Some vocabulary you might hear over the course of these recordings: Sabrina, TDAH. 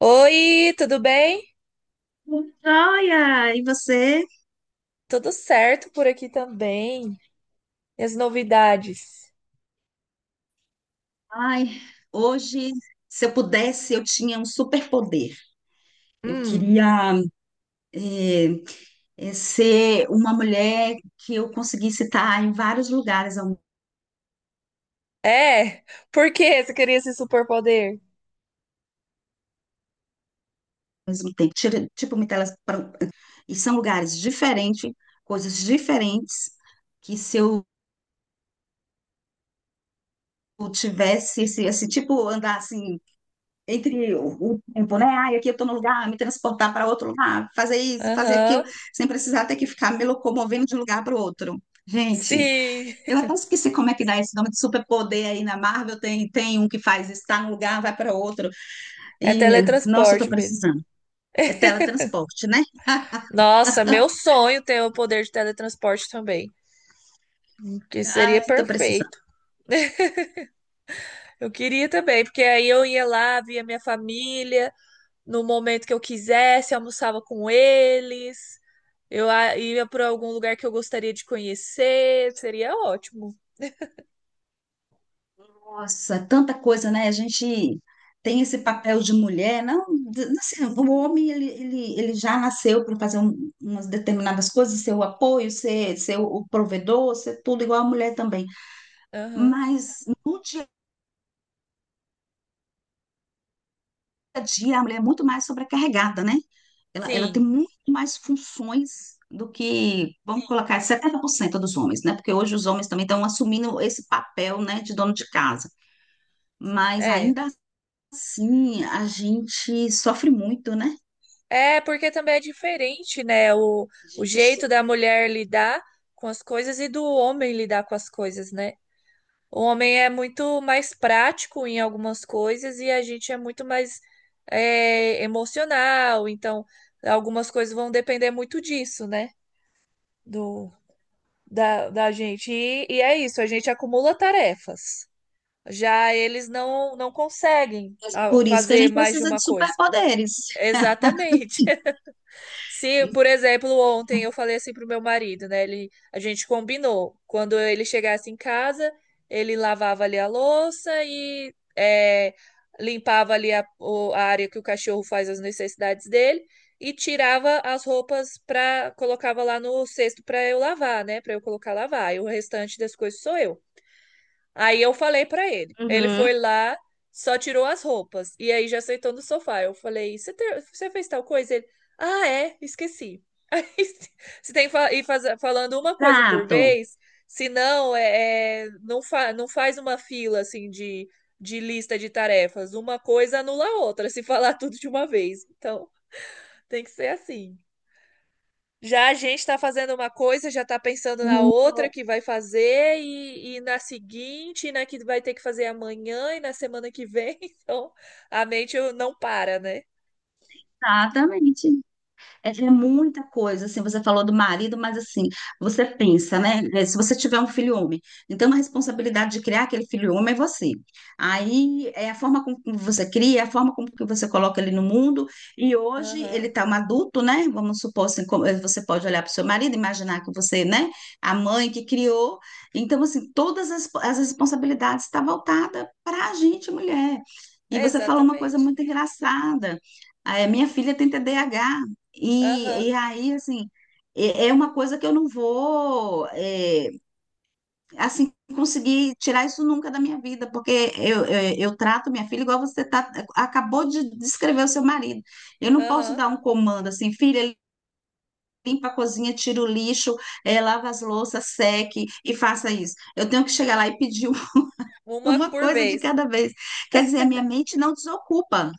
Oi, tudo bem? Joia! E você? Tudo certo por aqui também. E as novidades? Ai, hoje, se eu pudesse, eu tinha um superpoder. Eu Hum, queria eh, ser uma mulher que eu conseguisse estar em vários lugares ao é? Por que você queria esse superpoder? mesmo tempo. Tipo, me e são lugares diferentes, coisas diferentes, que se eu tivesse esse tipo, andar assim entre o tempo, né? Ai, aqui eu estou no lugar, me transportar para outro lugar, fazer isso, fazer aquilo, Aham, sem precisar ter que ficar me locomovendo de um lugar para o outro. Gente, sim, eu até esqueci como é que dá esse nome de superpoder aí na Marvel. Tem um que faz isso, tá num lugar, vai para outro. é E nossa, eu tô teletransporte mesmo. precisando. É teletransporte, né? Nossa, meu sonho ter o poder de teletransporte também, que seria Ai, tô precisando. perfeito. Eu queria também, porque aí eu ia lá, via minha família no momento que eu quisesse, almoçava com eles, ia para algum lugar que eu gostaria de conhecer, seria ótimo. Nossa, é tanta coisa, né? A gente tem esse papel de mulher, não, de- assim, o homem ele já nasceu para fazer umas determinadas coisas, ser o apoio, ser o provedor, ser tudo igual a mulher também. Aham. Mas no dia a dia a mulher é muito mais sobrecarregada, né? Ela tem Sim, muito mais funções do que, vamos colocar, 70% dos homens, né? Porque hoje os homens também estão assumindo esse papel, né, de dono de casa. Mas é. ainda sim, a gente sofre muito, né? É, porque também é diferente, né? A O gente jeito da mulher lidar com as coisas e do homem lidar com as coisas, né? O homem é muito mais prático em algumas coisas e a gente é muito mais emocional. Então, algumas coisas vão depender muito disso, né? Do, da gente. E, é isso, a gente acumula tarefas. Já eles não conseguem por isso que a fazer gente mais de precisa uma de coisa. superpoderes. Exatamente. Se, por exemplo, ontem eu falei assim pro meu marido, né? Ele, a gente combinou. Quando ele chegasse em casa, ele lavava ali a louça e limpava ali a área que o cachorro faz as necessidades dele e tirava as roupas para colocava lá no cesto para eu lavar, né? Para eu colocar lavar. E o restante das coisas sou eu. Aí eu falei pra ele. Ele Uhum. foi lá, só tirou as roupas. E aí já sentou no sofá. Eu falei: Você você fez tal coisa? Ele: Ah, é, esqueci. Aí você tem que ir falando uma coisa por Exato. vez, senão não faz uma fila assim de lista de tarefas. Uma coisa anula a outra, se falar tudo de uma vez. Então tem que ser assim. Já a gente está fazendo uma coisa, já está pensando na outra que vai fazer, e na seguinte, e na que vai ter que fazer amanhã, e na semana que vem. Então, a mente não para, né? Exatamente. É, é muita coisa, assim, você falou do marido, mas assim, você pensa, né? É, se você tiver um filho homem, então a responsabilidade de criar aquele filho homem é você. Aí é a forma como você cria, é a forma como que você coloca ele no mundo, e hoje ele Aham, tá um adulto, né? Vamos supor assim, você pode olhar para o seu marido, imaginar que você, né, a mãe que criou. Então, assim, todas as responsabilidades estão voltadas para a gente, mulher. E é você falou uma coisa exatamente. muito engraçada. Ah, é, minha filha tem TDAH. Aham, E aí, assim, é uma coisa que eu não vou, é, assim, conseguir tirar isso nunca da minha vida, porque eu trato minha filha igual você tá, acabou de descrever o seu marido. Eu não posso aham. dar um comando assim, filha, limpa a cozinha, tira o lixo, é, lava as louças, seque e faça isso. Eu tenho que chegar lá e pedir Uma uma por coisa de vez. cada vez. Quer dizer, a minha mente não desocupa.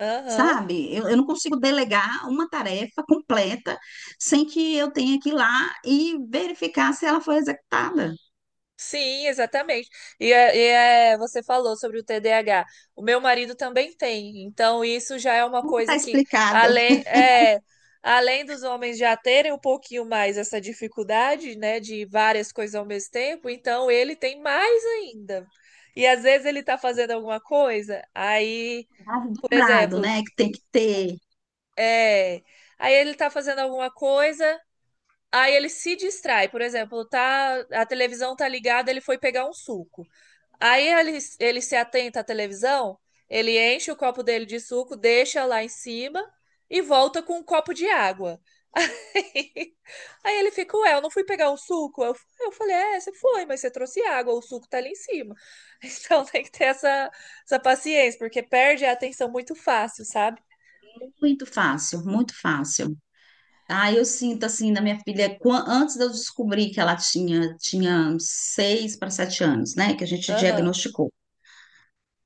Aham. Sabe? Eu não consigo delegar uma tarefa completa sem que eu tenha que ir lá e verificar se ela foi executada. Sim, exatamente. E é, você falou sobre o TDAH. O meu marido também tem, então isso já é uma Não está coisa que, explicado, além, é, além dos homens já terem um pouquinho mais essa dificuldade, né, de várias coisas ao mesmo tempo, então ele tem mais ainda. E às vezes ele tá fazendo alguma coisa, aí, dado por dobrado, exemplo, né? Que tem que ter. é, aí ele tá fazendo alguma coisa. Aí ele se distrai, por exemplo, tá, a televisão tá ligada, ele foi pegar um suco. Aí ele se atenta à televisão, ele enche o copo dele de suco, deixa lá em cima e volta com um copo de água. Aí, aí ele fica, ué, eu não fui pegar um suco? Eu falei, é, você foi, mas você trouxe água, o suco tá ali em cima. Então tem que ter essa paciência, porque perde a atenção muito fácil, sabe? Muito fácil, muito fácil. Ah, eu sinto assim na minha filha, antes de eu descobrir que ela tinha, tinha seis para sete anos, né? Que a gente Aham, diagnosticou.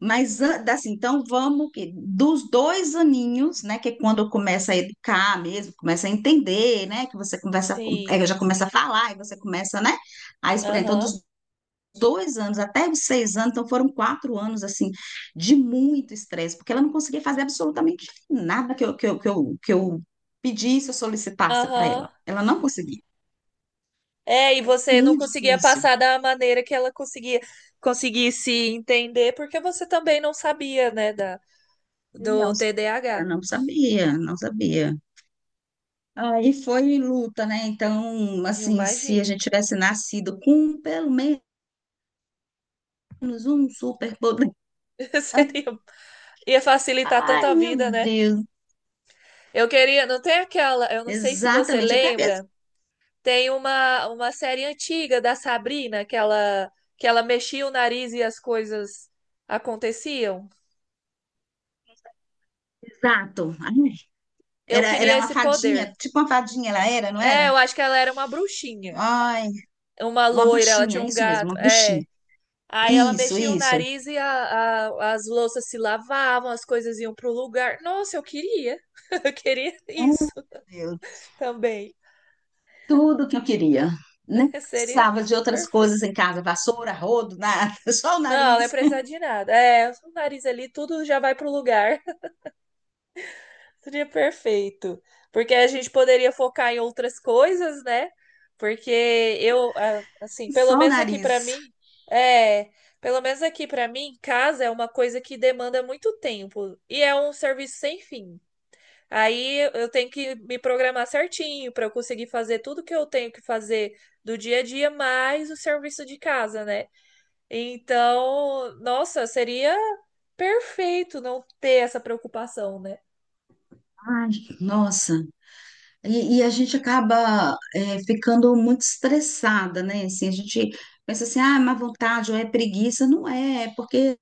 Mas assim, então vamos que dos dois aninhos, né, que é quando começa a educar mesmo, começa a entender, né, que você conversa, é, sim, já começa a falar e você começa, né, a explicar. Então, aham, dos dois anos até os seis anos, então foram quatro anos assim de muito estresse, porque ela não conseguia fazer absolutamente nada que eu pedisse ou solicitasse para aham. ela. Ela não conseguia. É, e você não Muito conseguia difícil. passar da maneira que ela conseguia conseguisse entender, porque você também não sabia, né, Não, do ela TDAH. não sabia, não sabia. Aí foi luta, né? Então, Eu assim, se a imagino. gente tivesse nascido com pelo menos um superpoder. Seria, ia facilitar tanto Ai, a meu vida, né? Deus. Eu queria, não tem aquela, eu não sei se você Exatamente, até mesmo. lembra, tem uma série antiga da Sabrina que ela mexia o nariz e as coisas aconteciam. Exato. Ai, Eu era, era queria uma esse fadinha, poder. tipo uma fadinha ela era, não É, era? eu acho que ela era uma bruxinha, Ai, uma uma loira, ela tinha bruxinha, um isso mesmo, gato. uma É. bruxinha. Aí ela Isso, mexia o isso. nariz e as louças se lavavam, as coisas iam pro lugar. Nossa, eu queria. Eu queria Ai, meu isso Deus. também. Tudo que eu queria. Nem Seria precisava de outras coisas perfeito. em casa, vassoura, rodo, nada. Só o Não ia nariz. precisar de nada. É, o nariz ali, tudo já vai pro lugar. Seria perfeito. Porque a gente poderia focar em outras coisas, né? Porque eu, ah, assim, pelo Só o menos aqui pra nariz. mim, é, pelo menos aqui pra mim, casa é uma coisa que demanda muito tempo e é um serviço sem fim. Aí eu tenho que me programar certinho para eu conseguir fazer tudo que eu tenho que fazer do dia a dia, mais o serviço de casa, né? Então, nossa, seria perfeito não ter essa preocupação, né? Ai, nossa. E a gente acaba é, ficando muito estressada, né? Assim, a gente pensa assim, ah, é má vontade ou é preguiça. Não é, é porque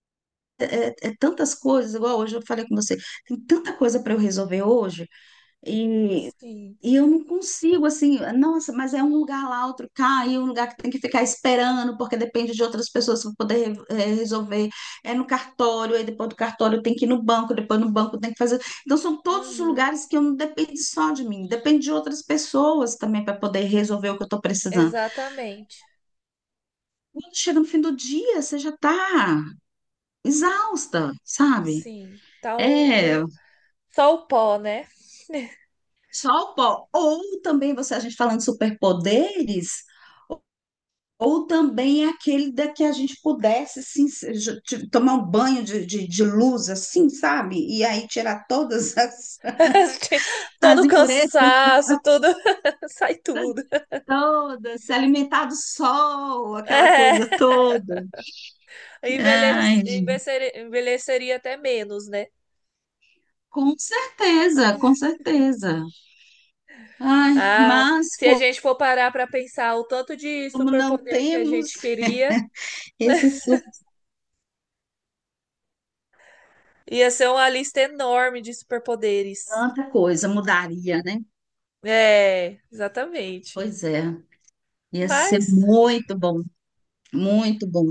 é, é tantas coisas, igual hoje eu falei com você, tem tanta coisa para eu resolver hoje, e Sim. e eu não consigo, assim, nossa, mas é um lugar lá, outro cá, e um lugar que tem que ficar esperando, porque depende de outras pessoas para poder eh, resolver. É no cartório, aí depois do cartório tem que ir no banco, depois no banco tem que fazer. Então, são todos os Uhum, lugares que eu não depende só de mim, depende de outras pessoas também para poder resolver o que eu estou precisando. exatamente. Quando chega no fim do dia, você já está exausta, sabe? Sim. É, o- Só o pó, né? só o pó. Ou também você, a gente falando de superpoderes. Ou também aquele da que a gente pudesse assim, tomar um banho de luz, assim, sabe? E aí tirar todas as, Todo as o impurezas cansaço, tudo sai tudo. todas, se alimentar do sol, aquela coisa É. toda. Ai, gente, Envelheceria até menos, né? com certeza, com certeza. Ai, Ah, mas se a como gente for parar para pensar o tanto de não superpoder que a temos gente queria, esse suco, ia ser uma lista enorme de superpoderes. tanta coisa mudaria, né? É, exatamente. Pois é, ia ser Mas, muito bom, muito bom.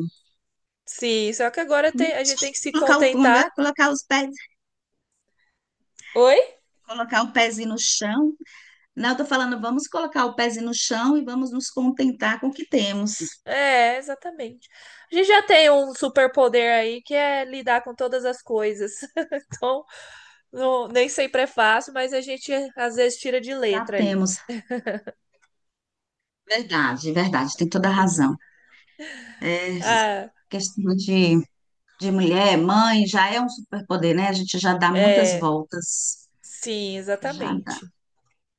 sim, só que agora a gente Só tem que se colocar o pão, não contentar. é? Colocar os pés. Oi? Colocar o pezinho no chão. Não, eu tô falando, vamos colocar o pezinho no chão e vamos nos contentar com o que temos. É, exatamente. A gente já tem um superpoder aí que é lidar com todas as coisas. Então, nem sempre é fácil, mas a gente às vezes tira de Já letra aí. temos. Verdade, verdade, tem toda a razão. É, Ah, questão de mulher, mãe, já é um superpoder, né? A gente já dá muitas é, voltas, sim, já dá- exatamente.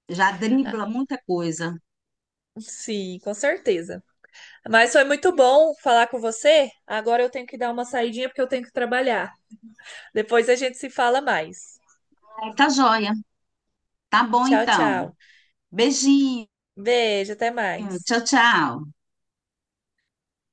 já Ah, dribla muita coisa. sim, com certeza. Mas foi muito bom falar com você. Agora eu tenho que dar uma saidinha porque eu tenho que trabalhar. Depois a gente se fala mais. É, tá joia. Tá bom, Tchau, então. tchau. Beijinho. Beijo, até mais. Tchau, tchau.